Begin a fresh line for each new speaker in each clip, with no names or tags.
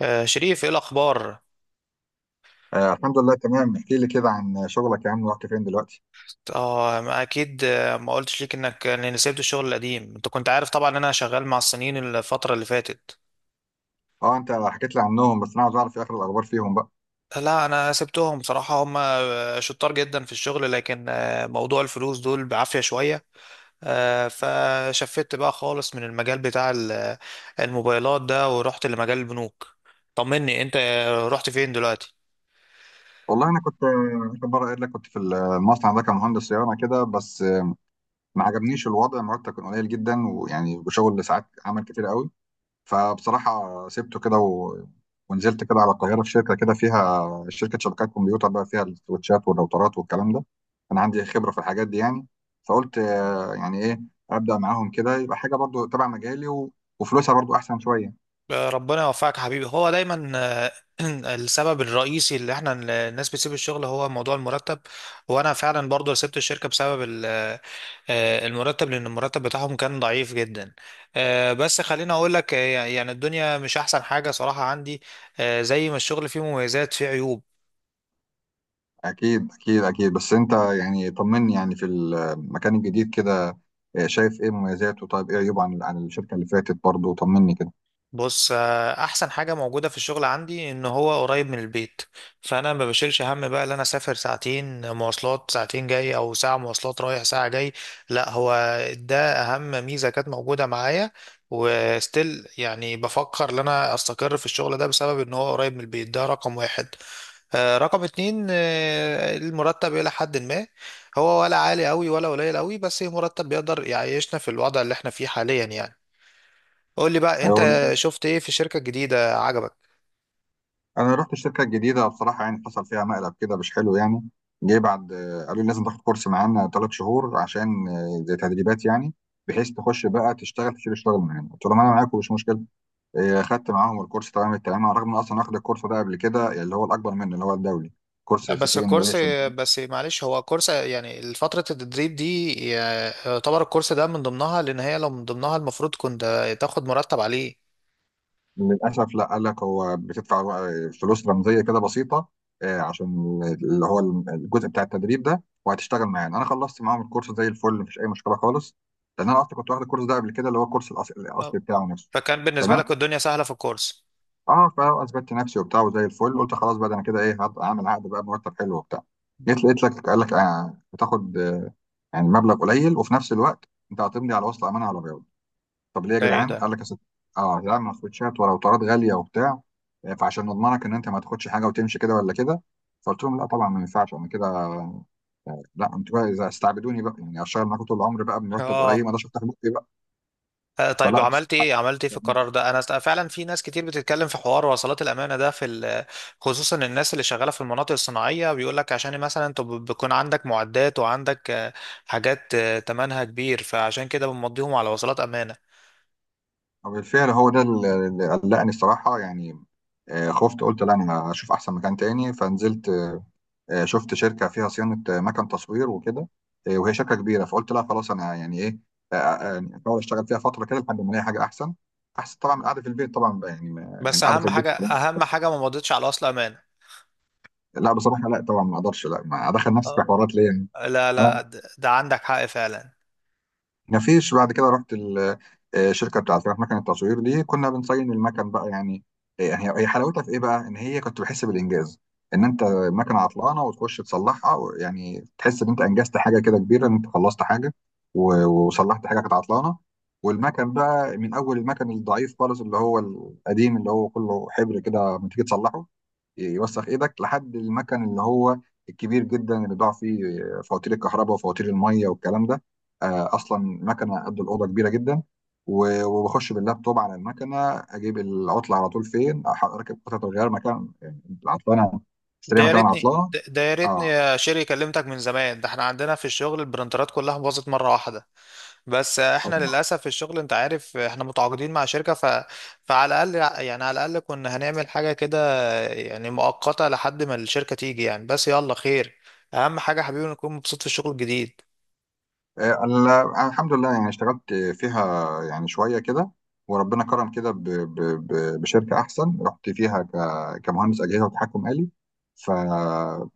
شريف ايه الاخبار.
الحمد لله تمام. احكي لي كده عن شغلك يا عم. رحت فين دلوقتي؟
اه ما اكيد، ما قلتش ليك انك اني سبت الشغل القديم، انت كنت عارف طبعا ان انا شغال مع الصينيين الفتره اللي فاتت.
اه، انت حكيت لي عنهم بس انا عاوز اعرف ايه اخر الاخبار فيهم بقى.
لا انا سبتهم بصراحه، هم شطار جدا في الشغل، لكن موضوع الفلوس دول بعافيه شويه. فشفت بقى خالص من المجال بتاع الموبايلات ده، ورحت لمجال البنوك. طمني انت، رحت فين دلوقتي؟
والله انا كنت اخر مره قايل لك كنت في المصنع ده كمهندس صيانه كده بس ما عجبنيش الوضع. مرتب كان قليل جدا ويعني وشغل ساعات عمل كتير قوي. فبصراحة سبته كده ونزلت كده على القاهرة في شركة، كده فيها شركة شبكات كمبيوتر بقى فيها السويتشات والراوترات والكلام ده. أنا عندي خبرة في الحاجات دي يعني. فقلت يعني إيه، أبدأ معاهم كده يبقى حاجة برضو تبع مجالي وفلوسها برضو أحسن شوية.
ربنا يوفقك يا حبيبي. هو دايما السبب الرئيسي اللي احنا الناس بتسيب الشغل هو موضوع المرتب. وانا فعلا برضو سبت الشركة بسبب المرتب، لان المرتب بتاعهم كان ضعيف جدا. بس خليني اقول لك، يعني الدنيا مش احسن حاجة صراحة عندي. زي ما الشغل فيه مميزات فيه عيوب.
أكيد أكيد أكيد، بس أنت يعني طمني يعني في المكان الجديد كده. شايف إيه مميزاته؟ طيب إيه عيوبه عن الشركة اللي فاتت برضو؟ طمني كده.
بص، احسن حاجه موجوده في الشغل عندي ان هو قريب من البيت. فانا ما بشيلش هم بقى ان انا اسافر ساعتين مواصلات، ساعتين جاي، او ساعه مواصلات رايح ساعه جاي. لا، هو ده اهم ميزه كانت موجوده معايا. وستيل يعني بفكر ان انا استقر في الشغل ده بسبب ان هو قريب من البيت. ده رقم واحد. رقم اتنين، المرتب الى حد ما هو ولا عالي قوي ولا قليل قوي، بس مرتب بيقدر يعيشنا في الوضع اللي احنا فيه حاليا يعني. قول لي بقى انت، شفت ايه في الشركة الجديدة عجبك؟
انا رحت الشركه الجديده بصراحه، يعني حصل فيها مقلب كده مش حلو يعني. جه بعد، قالوا لي لازم تاخد كورس معانا 3 شهور عشان زي تدريبات يعني، بحيث تخش بقى تشتغل تشيل الشغل معانا. قلت لهم انا معاكم، مش مشكله. خدت معاهم الكورس تمام التمام، على الرغم ان اصلا واخد الكورس ده قبل كده اللي هو الاكبر منه اللي هو الدولي، كورس
لا،
سي
بس
سي ان
الكورس
ايه
بس معلش، هو كورس يعني فترة التدريب دي يعتبر الكورس ده من ضمنها، لان هي لو من ضمنها المفروض كنت تاخد مرتب عليه.
للأسف لا، قال لك هو بتدفع فلوس رمزية كده بسيطة عشان اللي هو الجزء بتاع التدريب ده وهتشتغل معانا. أنا خلصت معاهم الكورس زي الفل، مفيش أي مشكلة خالص، لأن أنا أصلا كنت واخد الكورس ده قبل كده اللي هو الكورس الأص-
أه.
الأصلي بتاعه نفسه.
فكان بالنسبة
تمام.
لك الدنيا سهلة في الكورس.
فأثبتت نفسي وبتاع وزي الفل، قلت خلاص بقى ده أنا كده إيه، هبقى أعمل عقد بقى، مرتب حلو وبتاع. جيت لقيت لك قال لك، بتاخد يعني مبلغ قليل، وفي نفس الوقت أنت هتمضي على وصل أمانة على بياض. طب ليه يا
ده ايه
جدعان؟ قال
ده؟
لك يا ست، اه يا جدعان ما تاخدش ولو طارات غاليه وبتاع، فعشان نضمنك ان انت ما تاخدش حاجه وتمشي كده ولا كده. فقلت لهم لا طبعا، ما ينفعش انا كده. لا انتوا بقى، اذا استعبدوني بقى يعني اشتغل معاكم طول العمر بقى بمرتب قليل،
اه
ما اقدرش افتح بقي بقى.
طيب،
فلا
وعملت
بصراحه
ايه، عملت ايه في
يعني.
القرار ده؟ انا فعلا في ناس كتير بتتكلم في حوار وصلات الامانه ده في خصوصا الناس اللي شغاله في المناطق الصناعيه بيقول لك عشان مثلا انت بيكون عندك معدات، وعندك حاجات تمنها كبير، فعشان كده بنمضيهم على وصلات امانه.
وبالفعل هو ده اللي قلقني الصراحه يعني. خفت، قلت لا انا هشوف احسن مكان تاني. فنزلت، شفت شركه فيها صيانه مكن تصوير وكده، وهي شركه كبيره. فقلت لا خلاص انا يعني ايه، يعني احاول اشتغل فيها فتره كده لحد ما الاقي حاجه احسن، احسن طبعا من القعده في البيت طبعا بقى، يعني ما يعني
بس
القعده في
اهم
البيت.
حاجه، اهم حاجه ما مضيتش على وصل امانه.
لا بصراحه، لا طبعا ما اقدرش لا ما ادخل نفسي في
آه.
حوارات ليه يعني.
لا
اه.
لا، ده عندك حق فعلا.
مفيش. بعد كده رحت الشركه بتاعت مكن التصوير دي، كنا بنصين المكن بقى يعني. هي حلاوتها في ايه بقى؟ ان هي كنت بحس بالانجاز، ان انت مكنه عطلانه وتخش تصلحها يعني تحس ان انت انجزت حاجه كده كبيره، ان انت خلصت حاجه وصلحت حاجه كانت عطلانه. والمكن بقى، من اول المكن الضعيف خالص اللي هو القديم اللي هو كله حبر كده لما تيجي تصلحه يوسخ ايدك، لحد المكن اللي هو الكبير جدا، اللي بيضاع فيه فواتير الكهرباء وفواتير الميه والكلام ده. اصلا مكنه قد الاوضه كبيره جدا، وبخش باللابتوب على المكنه، اجيب العطله على طول فين. اركب قطعه الغيار مكان العطلانه، اشتريها مكان العطلانه.
ده يا ريتني
اه.
يا شيري، كلمتك من زمان. ده احنا عندنا في الشغل البرنترات كلها باظت مره واحده. بس احنا للاسف في الشغل، انت عارف احنا متعاقدين مع شركه، فعلى الاقل يعني، على الاقل كنا هنعمل حاجه كده يعني مؤقته لحد ما الشركه تيجي يعني. بس يلا خير، اهم حاجه حبيبي نكون مبسوط في الشغل الجديد.
آه، ال- الحمد لله، يعني اشتغلت فيها يعني شوية كده، وربنا كرم كده بشركة أحسن، رحت فيها كمهندس أجهزة وتحكم آلي. ف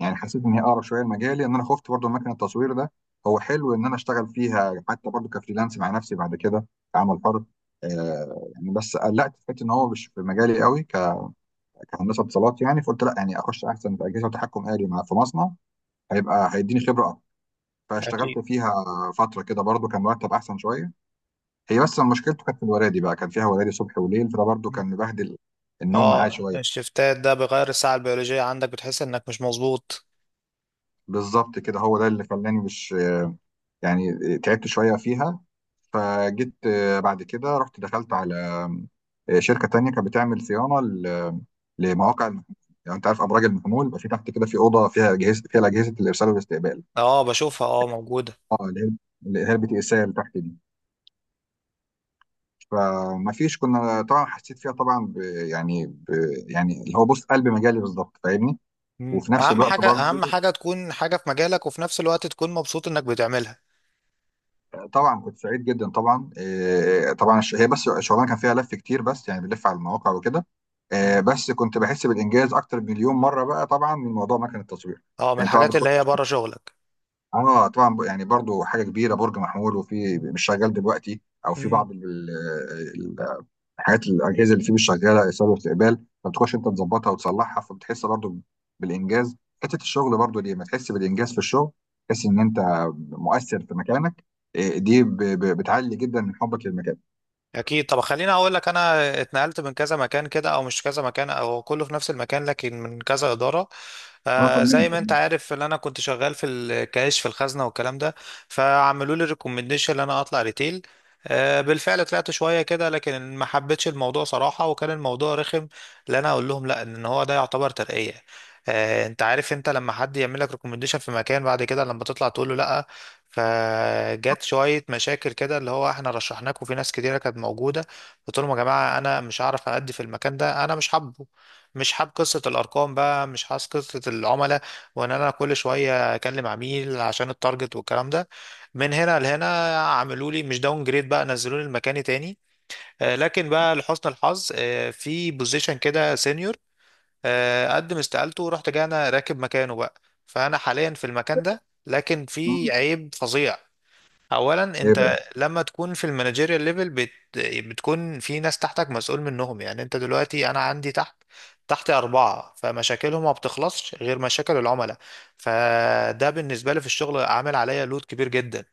يعني حسيت إن هي أقرب شوية لمجالي، إن أنا خفت برضو من مكان التصوير ده. هو حلو إن أنا أشتغل فيها حتى برضو كفريلانس مع نفسي بعد كده، كعمل حر. يعني بس قلقت في حته إن هو مش في مجالي قوي كهندسة اتصالات يعني، فقلت لا يعني أخش أحسن في أجهزة وتحكم آلي مع في مصنع، هيبقى هيديني خبرة. فاشتغلت
أكيد.
فيها فترة كده، برضو كان مرتب أحسن شوية. هي بس مشكلته كانت في الورادي بقى، كان فيها ورادي صبح وليل، فده برضو
مم.
كان مبهدل النوم معايا
اه،
شوية.
الشفتات ده بيغير الساعه البيولوجيه عندك، بتحس انك مش مظبوط.
بالظبط كده، هو ده اللي خلاني مش، يعني تعبت شوية فيها. فجيت بعد كده رحت دخلت على شركة تانية كانت بتعمل صيانة لمواقع المحمول. يعني أنت عارف أبراج المحمول بقى في تحت كده، في أوضة فيها أجهزة الإرسال والاستقبال.
اه بشوفها، اه موجوده.
اه، اللي هي البي تي اس ال تحت دي. فما فيش، كنا طبعا حسيت فيها طبعا يعني يعني اللي هو بص قلب مجالي بالظبط، فاهمني؟
مم.
وفي نفس
اهم
الوقت
حاجه،
برضه،
اهم حاجه تكون حاجه في مجالك وفي نفس الوقت تكون مبسوط انك بتعملها.
طبعا كنت سعيد جدا طبعا، طبعا هي بس الشغلانه كان فيها لف كتير، بس يعني بنلف على المواقع وكده.
مم.
بس كنت بحس بالانجاز اكتر مليون مره بقى طبعا، من موضوع مكنه التصوير.
اه، من
يعني طبعا
الحاجات
بتخش،
اللي هي بره شغلك.
اه طبعا يعني برضو حاجه كبيره، برج محمول وفي
مم.
مش شغال دلوقتي، او في
مم.
بعض الحاجات الاجهزه اللي فيه مش شغاله ايصال واستقبال، ما بتخش انت تظبطها وتصلحها فبتحس برضو بالانجاز. حته الشغل برضو دي، ما تحس بالانجاز في الشغل، تحس ان انت مؤثر في مكانك. إيه، دي بتعلي جدا من حبك للمكان.
اكيد. طب خليني اقول لك، انا اتنقلت من كذا مكان كده، او مش كذا مكان، او كله في نفس المكان لكن من كذا اداره.
اه،
آه،
طمني
زي ما انت
طمني.
عارف ان انا كنت شغال في الكاش في الخزنه والكلام ده. فعملوا لي ريكومنديشن ان انا اطلع ريتيل. آه، بالفعل طلعت شويه كده لكن ما حبيتش الموضوع صراحه، وكان الموضوع رخم، لان انا اقول لهم لا ان هو ده يعتبر ترقيه. انت عارف انت لما حد يعمل لك ريكومنديشن في مكان بعد كده لما تطلع تقول له لا، فجت شوية مشاكل كده اللي هو احنا رشحناك وفي ناس كتيرة كانت موجودة. قلت لهم يا جماعة انا مش هعرف أأدي في المكان ده، انا مش حابه، مش حاب قصة الأرقام بقى، مش حاسس قصة العملاء، وإن أنا كل شوية أكلم عميل عشان التارجت والكلام ده. من هنا لهنا عملوا لي مش داون جريد بقى، نزلوا لي المكان تاني. لكن بقى لحسن الحظ في بوزيشن كده سينيور، قدم استقالته ورحت جاي أنا راكب مكانه بقى. فأنا حاليا في المكان ده، لكن
آه،
في عيب فظيع. اولا
ايه بقى؟
انت لما تكون في المانجيريال ليفل بتكون في ناس تحتك مسؤول منهم. يعني انت دلوقتي، انا عندي تحتي اربعه، فمشاكلهم ما بتخلصش غير مشاكل العملاء، فده بالنسبه لي في الشغل عامل عليا لود كبير جدا.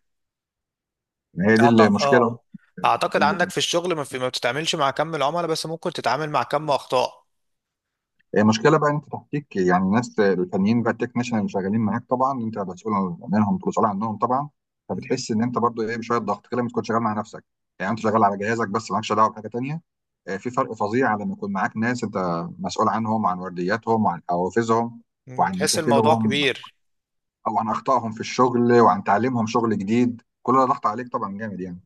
ما هي دي
أعط-
المشكله.
اه اعتقد عندك في الشغل ما بتتعاملش مع كم العملاء، بس ممكن تتعامل مع كم اخطاء.
هي مشكله بقى إن انت تحتيك، يعني ناس الفنيين بقى، التكنيشن اللي شغالين معاك، طبعا انت مسؤول عنهم مسؤول عنهم طبعا.
م-
فبتحس ان انت برضو ايه، بشويه ضغط كده لما تكون شغال مع نفسك، يعني انت شغال على جهازك بس مالكش دعوه بحاجه تانيه. في فرق فظيع على لما يكون معاك ناس انت مسؤول عنهم وعن وردياتهم وعن حوافزهم
م.
وعن
تحس الموضوع
مشاكلهم
كبير.
او عن اخطائهم في الشغل وعن تعليمهم شغل جديد. كل ده ضغط عليك طبعا جامد يعني.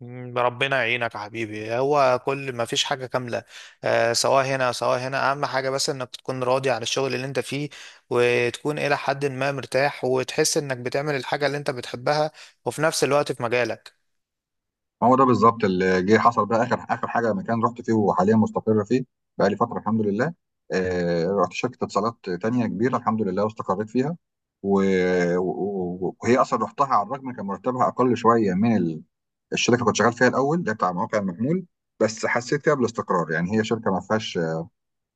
ربنا يعينك يا حبيبي، هو كل ما فيش حاجة كاملة. آه، سواء هنا سواء هنا، أهم حاجة بس إنك تكون راضي عن الشغل اللي أنت فيه، وتكون إلى حد ما مرتاح، وتحس إنك بتعمل الحاجة اللي أنت بتحبها، وفي نفس الوقت في مجالك.
هو ده بالظبط اللي جه حصل بقى. اخر اخر حاجه مكان رحت فيه وحاليا مستقر فيه بقى لي فتره، الحمد لله. رحت شركه اتصالات تانية كبيره الحمد لله واستقريت فيها و... وهي اصلا رحتها على الرغم كان مرتبها اقل شويه من الشركه اللي كنت شغال فيها الاول ده بتاع مواقع المحمول. بس حسيت فيها بالاستقرار، يعني هي شركه ما فيهاش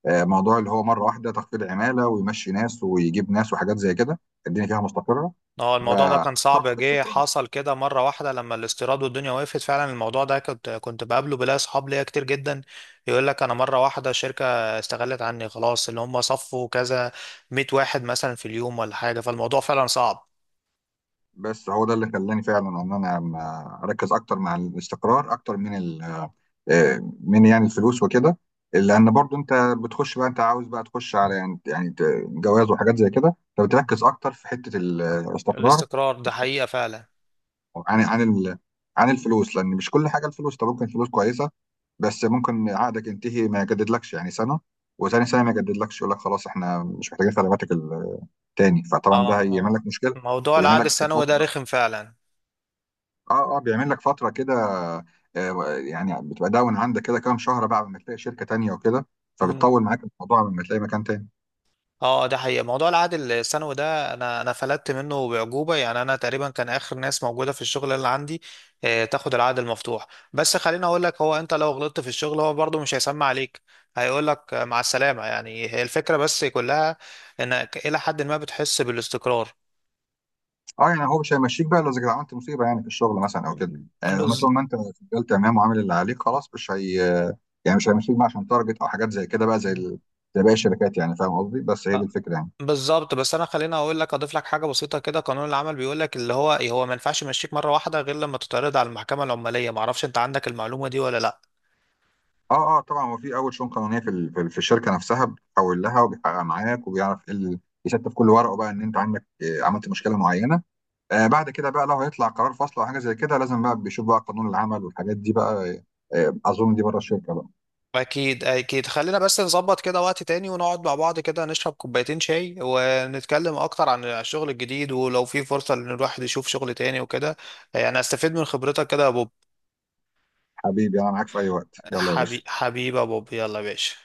موضوع اللي هو مره واحده تخفيض عماله ويمشي ناس ويجيب ناس وحاجات زي كده. الدنيا فيها مستقره،
اه، الموضوع ده كان صعب.
فاخترت
جه
الاستقرار.
حصل كده مرة واحدة لما الاستيراد والدنيا وقفت، فعلا الموضوع ده كنت بقابله، بلاقي أصحاب ليا كتير جدا يقول لك: أنا مرة واحدة شركة استغلت عني خلاص، اللي هم صفوا كذا 100 واحد مثلا في اليوم ولا حاجة. فالموضوع فعلا صعب.
بس هو ده اللي خلاني فعلا ان انا ما اركز اكتر مع الاستقرار اكتر من من يعني الفلوس وكده. لان برضو انت بتخش بقى، انت عاوز بقى تخش على يعني جواز وحاجات زي كده، فبتركز اكتر في حته الاستقرار
الاستقرار ده حقيقة فعلا.
عن عن الفلوس، لان مش كل حاجه الفلوس. طب ممكن فلوس كويسه بس ممكن عقدك ينتهي ما يجددلكش يعني سنه، وثاني سنه ما يجددلكش يقول لك خلاص احنا مش محتاجين خدماتك التاني، فطبعا ده
اه
هيعمل
اه،
لك مشكله
موضوع
ويعمل
العقد
لك،
السنوي ده رخم فعلا.
اه اه بيعمل لك فتره كده. يعني بتبقى داون عندك كده كام شهر بقى لما تلاقي شركه تانية وكده،
مم.
فبتطول معاك الموضوع لما تلاقي مكان تاني.
اه، ده حقيقة موضوع العقد السنوي ده انا فلتت منه بعجوبة، يعني انا تقريبا كان اخر ناس موجودة في الشغل اللي عندي. آه، تاخد العقد المفتوح. بس خليني اقول لك، هو انت لو غلطت في الشغل هو برضه مش هيسمع عليك، هيقول لك مع السلامة. يعني هي الفكرة بس كلها انك الى حد ما بتحس بالاستقرار.
اه، يعني هو مش هيمشيك بقى لو إذا عملت مصيبه يعني في الشغل مثلا او كده، يعني لما
بز...
طول ما انت شغال تمام وعامل اللي عليك خلاص مش هي، يعني مش هيمشيك بقى عشان تارجت او حاجات زي كده بقى زي زي باقي الشركات يعني، فاهم قصدي؟ بس هي دي الفكره يعني.
بالظبط. بس انا خليني اقول لك اضيف لك حاجه بسيطه كده، قانون العمل بيقول لك اللي هو إيه، هو ما ينفعش يمشيك مره واحده غير لما تتعرض على المحكمه العماليه. ما اعرفش انت عندك المعلومه دي ولا لا؟
اه اه طبعا، هو في اول شؤون قانونيه في الشركه نفسها بتحول لها، وبيحقق معاك وبيعرف ايه يستف كل ورقه بقى ان انت عندك عملت مشكله معينه. بعد كده بقى، لو هيطلع قرار فصل او حاجه زي كده لازم بقى بيشوف بقى قانون العمل والحاجات دي بقى اظن دي بره الشركه بقى.
اكيد اكيد. خلينا بس نظبط كده وقت تاني ونقعد مع بعض كده، نشرب كوبايتين شاي ونتكلم اكتر عن الشغل الجديد، ولو في فرصه ان الواحد يشوف شغل تاني وكده، يعني استفيد من خبرتك كده يا بوب.
حبيبي، انا معاك في اي وقت. يلا يا باشا.
حبيبي يا بوب، يلا يا باشا.